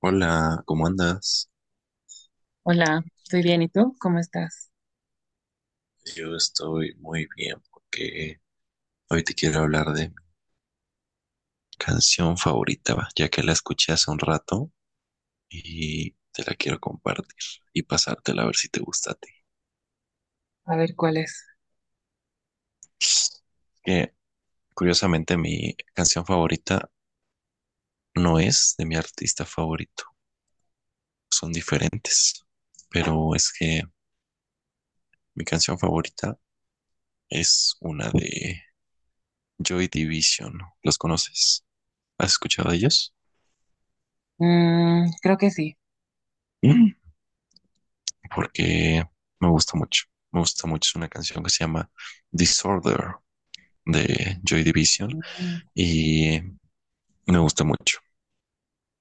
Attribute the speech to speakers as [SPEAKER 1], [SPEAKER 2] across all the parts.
[SPEAKER 1] Hola, ¿cómo andas?
[SPEAKER 2] Hola, estoy bien. ¿Y tú? ¿Cómo estás?
[SPEAKER 1] Yo estoy muy bien porque hoy te quiero hablar de mi canción favorita, va, ya que la escuché hace un rato y te la quiero compartir y pasártela a ver si te gusta a ti.
[SPEAKER 2] A ver, ¿cuál es?
[SPEAKER 1] Que curiosamente mi canción favorita no es de mi artista favorito, son diferentes, pero es que mi canción favorita es una de Joy Division. ¿Los conoces? ¿Has escuchado de ellos?
[SPEAKER 2] Mm, creo que sí.
[SPEAKER 1] Porque me gusta mucho. Me gusta mucho. Es una canción que se llama Disorder de Joy Division
[SPEAKER 2] Mm,
[SPEAKER 1] y me gusta mucho.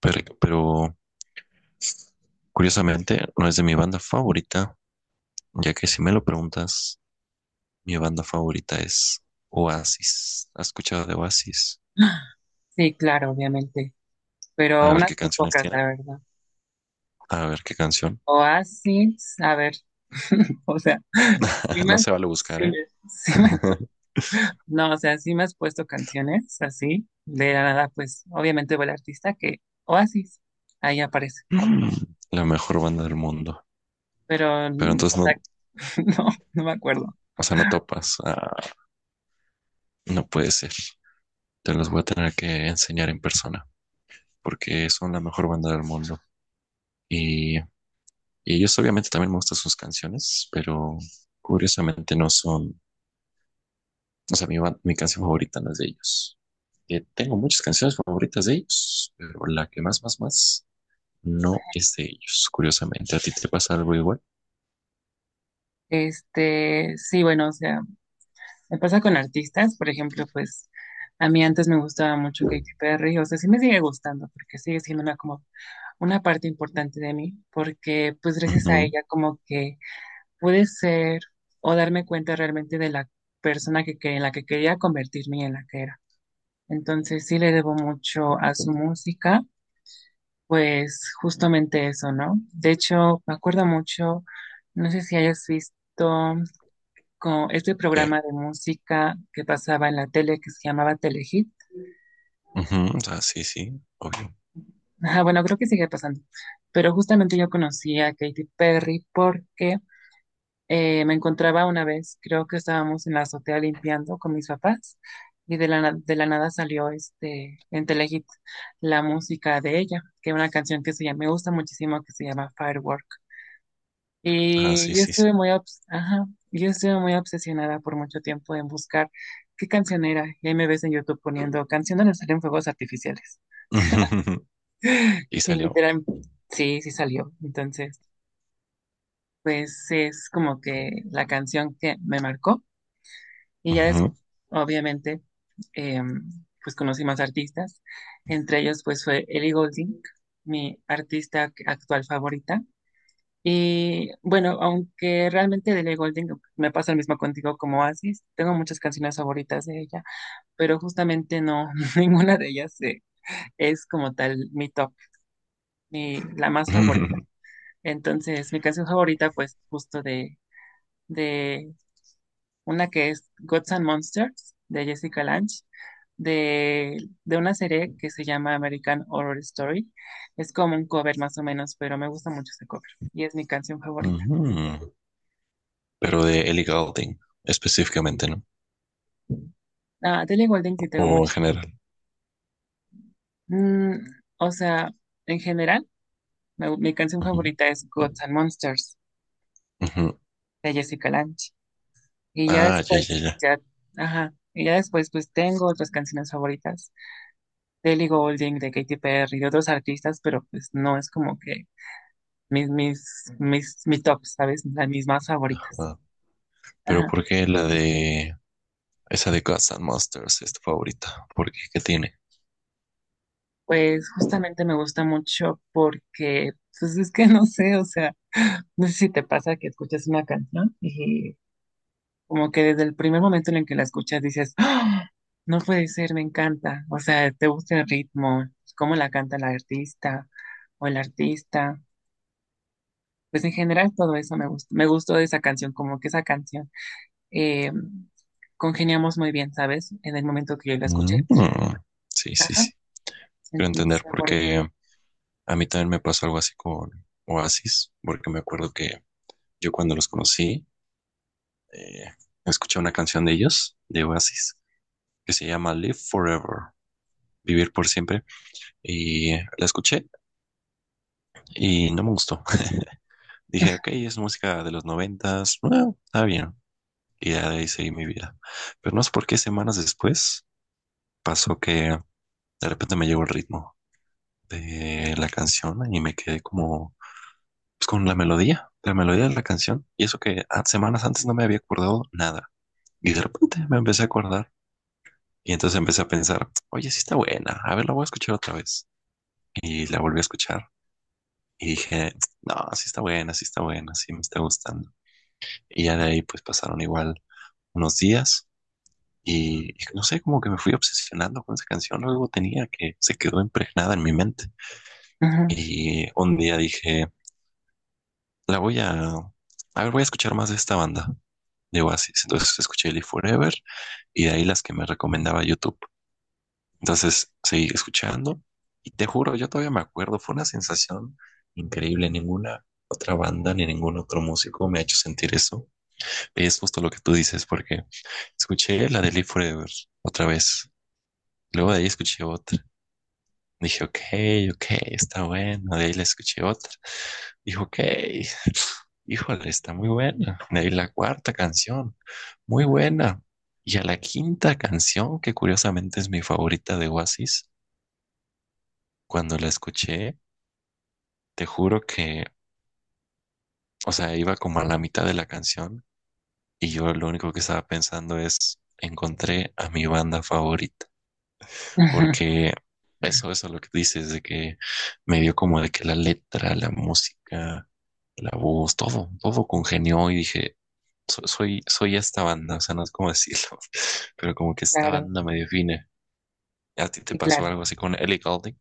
[SPEAKER 1] Pero curiosamente no es de mi banda favorita, ya que si me lo preguntas, mi banda favorita es Oasis. ¿Has escuchado de Oasis?
[SPEAKER 2] sí, claro, obviamente. Pero
[SPEAKER 1] A ver
[SPEAKER 2] unas
[SPEAKER 1] qué
[SPEAKER 2] muy
[SPEAKER 1] canciones
[SPEAKER 2] pocas,
[SPEAKER 1] tienen.
[SPEAKER 2] la verdad.
[SPEAKER 1] A ver qué canción.
[SPEAKER 2] Oasis, a ver. O sea, sí
[SPEAKER 1] No
[SPEAKER 2] me,
[SPEAKER 1] se vale buscar,
[SPEAKER 2] sí
[SPEAKER 1] ¿eh?
[SPEAKER 2] me, no, no, o sea, sí me has puesto canciones así. De la nada, pues, obviamente fue el artista que Oasis. Ahí aparece.
[SPEAKER 1] La mejor banda del mundo.
[SPEAKER 2] Pero,
[SPEAKER 1] Pero entonces
[SPEAKER 2] o
[SPEAKER 1] no,
[SPEAKER 2] sea, no, no me acuerdo.
[SPEAKER 1] o sea, no topas. Ah, no puede ser. Te los voy a tener que enseñar en persona, porque son la mejor banda del mundo. Y ellos obviamente también me gustan sus canciones, pero curiosamente no son, o sea, mi canción favorita no es de ellos. Tengo muchas canciones favoritas de ellos, pero la que más, más, más no es de ellos, curiosamente. ¿A ti te pasa algo igual?
[SPEAKER 2] Este, sí, bueno, o sea. Me pasa con artistas, por ejemplo, pues a mí antes me gustaba mucho Katy Perry, o sea, sí me sigue gustando porque sigue siendo una como una parte importante de mí, porque pues gracias a
[SPEAKER 1] Ujú.
[SPEAKER 2] ella como que pude ser o darme cuenta realmente de la persona en la que quería convertirme y en la que era. Entonces sí le debo mucho a su música, pues justamente eso, ¿no? De hecho, me acuerdo mucho, no sé si hayas visto con este
[SPEAKER 1] ¿Qué?
[SPEAKER 2] programa de música que pasaba en la tele que se llamaba Telehit.
[SPEAKER 1] Ujú. Ah, sí, sí, obvio.
[SPEAKER 2] Ajá, bueno, creo que sigue pasando. Pero justamente yo conocí a Katy Perry porque me encontraba una vez, creo que estábamos en la azotea limpiando con mis papás y de la nada salió en Telehit la música de ella, que es una canción que se llama, me gusta muchísimo, que se llama Firework.
[SPEAKER 1] Ah, sí,
[SPEAKER 2] Y yo
[SPEAKER 1] sí, sí.
[SPEAKER 2] estuve muy, obs- ajá, yo estuve muy obsesionada por mucho tiempo en buscar qué canción era. Y ahí me ves en YouTube poniendo canción donde salen fuegos artificiales.
[SPEAKER 1] Y
[SPEAKER 2] Y
[SPEAKER 1] salió.
[SPEAKER 2] literal, sí, sí salió. Entonces, pues es como que la canción que me marcó. Y ya es,
[SPEAKER 1] Ujú.
[SPEAKER 2] obviamente, em, pues conocí más artistas. Entre ellos, pues fue Ellie Goulding, mi artista actual favorita. Y bueno, aunque realmente de Ellie Goulding me pasa lo mismo contigo como Asis, tengo muchas canciones favoritas de ella, pero justamente no, ninguna de ellas es como tal mi top, ni la más favorita. Entonces, mi canción favorita, pues justo de una que es Gods and Monsters, de Jessica Lange, de, de una serie que se llama American Horror Story. Es como un cover más o menos, pero me gusta mucho ese cover y es mi canción favorita.
[SPEAKER 1] Ujú, pero de Ellie Goulding específicamente, ¿no?
[SPEAKER 2] Ah, de Ellie Goulding sí tengo
[SPEAKER 1] O en
[SPEAKER 2] muchas.
[SPEAKER 1] general.
[SPEAKER 2] Mm, o sea, en general, mi canción
[SPEAKER 1] Ujú,
[SPEAKER 2] favorita es Gods and Monsters
[SPEAKER 1] ujú.
[SPEAKER 2] de Jessica Lange. Y ya
[SPEAKER 1] Ah, ya, ya,
[SPEAKER 2] después,
[SPEAKER 1] ya.
[SPEAKER 2] ya, ajá, pues tengo otras canciones favoritas de Ellie Goulding, de Katy Perry, de otros artistas, pero pues no es como que mi top, ¿sabes? Las mis más favoritas.
[SPEAKER 1] Ah, pero
[SPEAKER 2] Ajá.
[SPEAKER 1] ¿por qué la de esa de Gods and Monsters es tu favorita? ¿Por qué? ¿Qué tiene?
[SPEAKER 2] Pues justamente me gusta mucho porque, pues es que no sé, o sea, no sé si te pasa que escuchas una canción y como que desde el primer momento en el que la escuchas dices, "Ah, no puede ser, me encanta." O sea, te gusta el ritmo, cómo la canta la artista o el artista. Pues en general todo eso me gustó de esa canción, como que esa canción eh, congeniamos muy bien, ¿sabes? En el momento que yo la escuché.
[SPEAKER 1] Mm. Sí, sí,
[SPEAKER 2] Ajá,
[SPEAKER 1] sí. Quiero entender
[SPEAKER 2] entonces por eso.
[SPEAKER 1] porque a mí también me pasó algo así con Oasis, porque me acuerdo que yo cuando los conocí, eh, escuché una canción de ellos, de Oasis, que se llama Live Forever, Vivir por siempre, y la escuché y no me gustó. Dije, ok, es música de los noventas, bueno, está bien. Y ya de ahí seguí mi vida. Pero no sé por qué semanas después pasó que de repente me llegó el ritmo de la canción y me quedé como pues, con la melodía de la canción. Y eso que semanas antes no me había acordado nada. Y de repente me empecé a acordar. Y entonces empecé a pensar, oye, sí está buena, a ver, la voy a escuchar otra vez. Y la volví a escuchar. Y dije, no, sí está buena, sí está buena, sí me está gustando. Y ya de ahí pues pasaron igual unos días. Y no sé, como que me fui obsesionando con esa canción, algo tenía que se quedó impregnada en mi mente.
[SPEAKER 2] Ujú,
[SPEAKER 1] Y un día dije, la voy a, a ver, voy a escuchar más de esta banda de Oasis. Entonces escuché Live Forever y de ahí las que me recomendaba YouTube. Entonces seguí escuchando y te juro, yo todavía me acuerdo, fue una sensación increíble. Ninguna otra banda ni ningún otro músico me ha hecho sentir eso. Es justo lo que tú dices, porque escuché la de Live Forever otra vez. Luego de ahí escuché otra. Dije, ok, ok, está bueno. De ahí le escuché otra. Dijo, ok, híjole, está muy buena. De ahí la cuarta canción, muy buena. Y a la quinta canción, que curiosamente es mi favorita de Oasis, cuando la escuché, te juro que, o sea, iba como a la mitad de la canción y yo lo único que estaba pensando es, encontré a mi banda favorita.
[SPEAKER 2] ujú.
[SPEAKER 1] Porque eso es lo que dices, de que me dio como de que la letra, la música, la voz, todo, todo congenió y dije, soy, soy esta banda, o sea, no es como decirlo, pero como que esta
[SPEAKER 2] Claro,
[SPEAKER 1] banda me define". ¿A ti te
[SPEAKER 2] y
[SPEAKER 1] pasó
[SPEAKER 2] claro.
[SPEAKER 1] algo así con Ellie Goulding?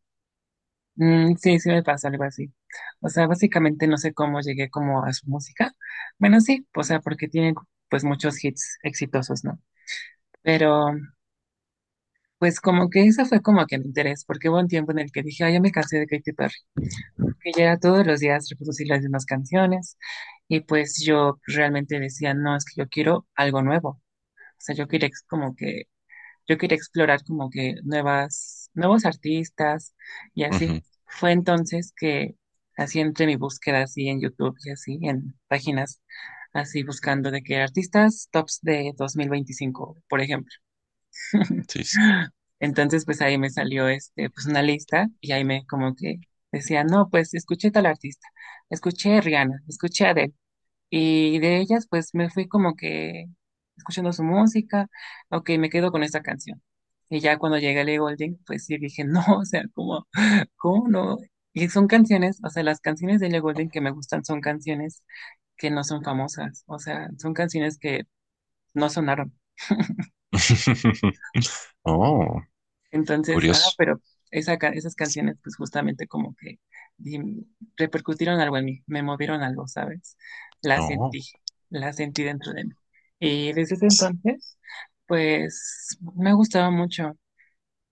[SPEAKER 2] Mm, sí, sí me pasa algo así. O sea, básicamente no sé cómo llegué como a su música. Bueno, sí, o sea, porque tienen pues muchos hits exitosos, ¿no? Pero pues como que ese fue como que el interés, porque hubo un tiempo en el que dije, ay, ya me cansé de Katy Perry, que ya era todos los días reproducir las mismas canciones y pues yo realmente decía, no, es que yo quiero algo nuevo. O sea, yo quería como que yo quería explorar como que nuevas, nuevos artistas y así.
[SPEAKER 1] Ujú,
[SPEAKER 2] Fue entonces que así entre mi búsqueda así en YouTube y así en páginas así buscando de que artistas tops de 2025 por ejemplo.
[SPEAKER 1] sí, sí.
[SPEAKER 2] Entonces pues ahí me salió pues una lista y ahí me como que decía, "No, pues escuché tal artista, escuché a Rihanna, escuché a y de ellas, pues me fui como que escuchando su música, ok, me quedo con esta canción." Y ya cuando llegué a Ellie Goulding, pues sí dije, no, o sea, ¿cómo, cómo no? Y son canciones, o sea, las canciones de Ellie Goulding que me gustan son canciones que no son famosas, o sea, son canciones que no sonaron.
[SPEAKER 1] Oh,
[SPEAKER 2] Entonces, ah,
[SPEAKER 1] curioso.
[SPEAKER 2] pero esas canciones pues justamente como que di- repercutieron algo en mí, me movieron algo, ¿sabes? La
[SPEAKER 1] No.
[SPEAKER 2] sentí, la sentí dentro de mí. Y desde ese
[SPEAKER 1] es-
[SPEAKER 2] entonces, pues me gustaba mucho.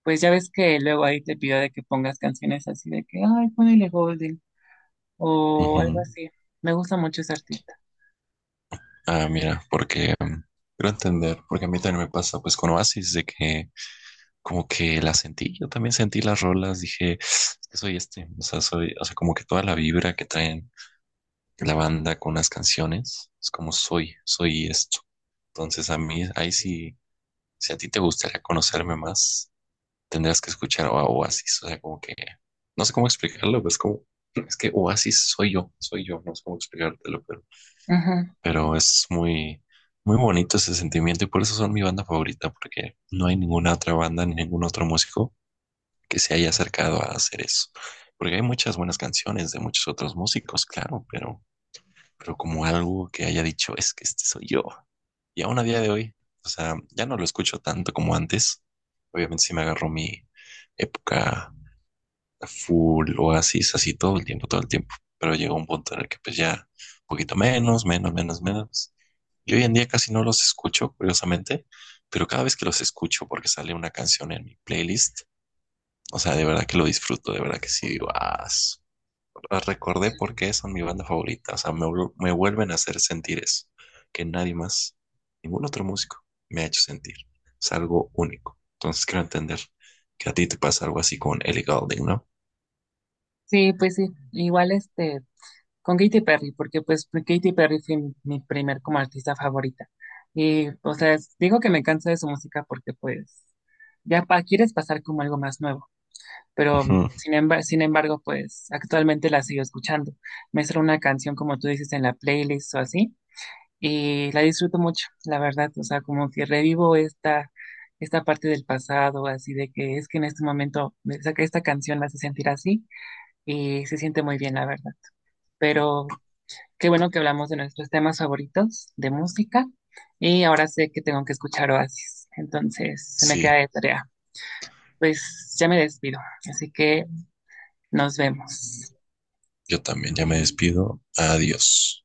[SPEAKER 2] Pues ya ves que luego ahí te pido de que pongas canciones así de que, ay, ponele Golden o algo
[SPEAKER 1] Ujú.
[SPEAKER 2] así. Me gusta mucho ese artista.
[SPEAKER 1] Ah, mira, porque quiero entender, porque a mí también me pasa, pues con Oasis, de que como que la sentí, yo también sentí las rolas, dije, es que soy este, o sea, soy, o sea, como que toda la vibra que traen la banda con las canciones. Es como soy, soy esto. Entonces a mí, ahí sí, si a ti te gustaría conocerme más, tendrás que escuchar a Oasis. O sea, como que no sé cómo explicarlo, pero es como, es que Oasis soy yo, no sé cómo explicártelo, pero,
[SPEAKER 2] Ujú.
[SPEAKER 1] pero es muy, muy bonito ese sentimiento y por eso son mi banda favorita, porque no hay ninguna otra banda ni ningún otro músico que se haya acercado a hacer eso. Porque hay muchas buenas canciones de muchos otros músicos, claro, pero como algo que haya dicho, es que este soy yo. Y aún a día de hoy, o sea, ya no lo escucho tanto como antes. Obviamente sí me agarró mi época full oasis, así todo el tiempo, todo el tiempo. Pero llegó un punto en el que pues ya un poquito menos, menos, menos, menos. Y hoy en día casi no los escucho, curiosamente, pero cada vez que los escucho porque sale una canción en mi playlist, o sea, de verdad que lo disfruto, de verdad que sí, digo, "Ah, las recordé porque son mi banda favorita. O sea, me, me vuelven a hacer sentir eso. Que nadie más, ningún otro músico me ha hecho sentir. Es algo único". Entonces quiero entender que a ti te pasa algo así con Ellie Goulding, ¿no?
[SPEAKER 2] Sí, pues sí. Igual con Katy Perry, porque pues, Katy Perry fue mi primer como artista favorita. Y, o sea, digo que me canso de su música porque pues ya quieres pasar como algo más nuevo, pero
[SPEAKER 1] Ujú.
[SPEAKER 2] sin embargo, pues actualmente la sigo escuchando. Me sale una canción, como tú dices, en la playlist o así, y la disfruto mucho, la verdad, o sea, como que revivo esta, parte del pasado, así de que es que en este momento me saca esta canción, me hace sentir así, y se siente muy bien, la verdad. Pero, qué bueno que hablamos de nuestros temas favoritos de música y ahora sé que tengo que escuchar Oasis, entonces se me queda
[SPEAKER 1] Sí,
[SPEAKER 2] de tarea. Pues ya me despido, así que nos vemos.
[SPEAKER 1] yo también ya me despido. Adiós.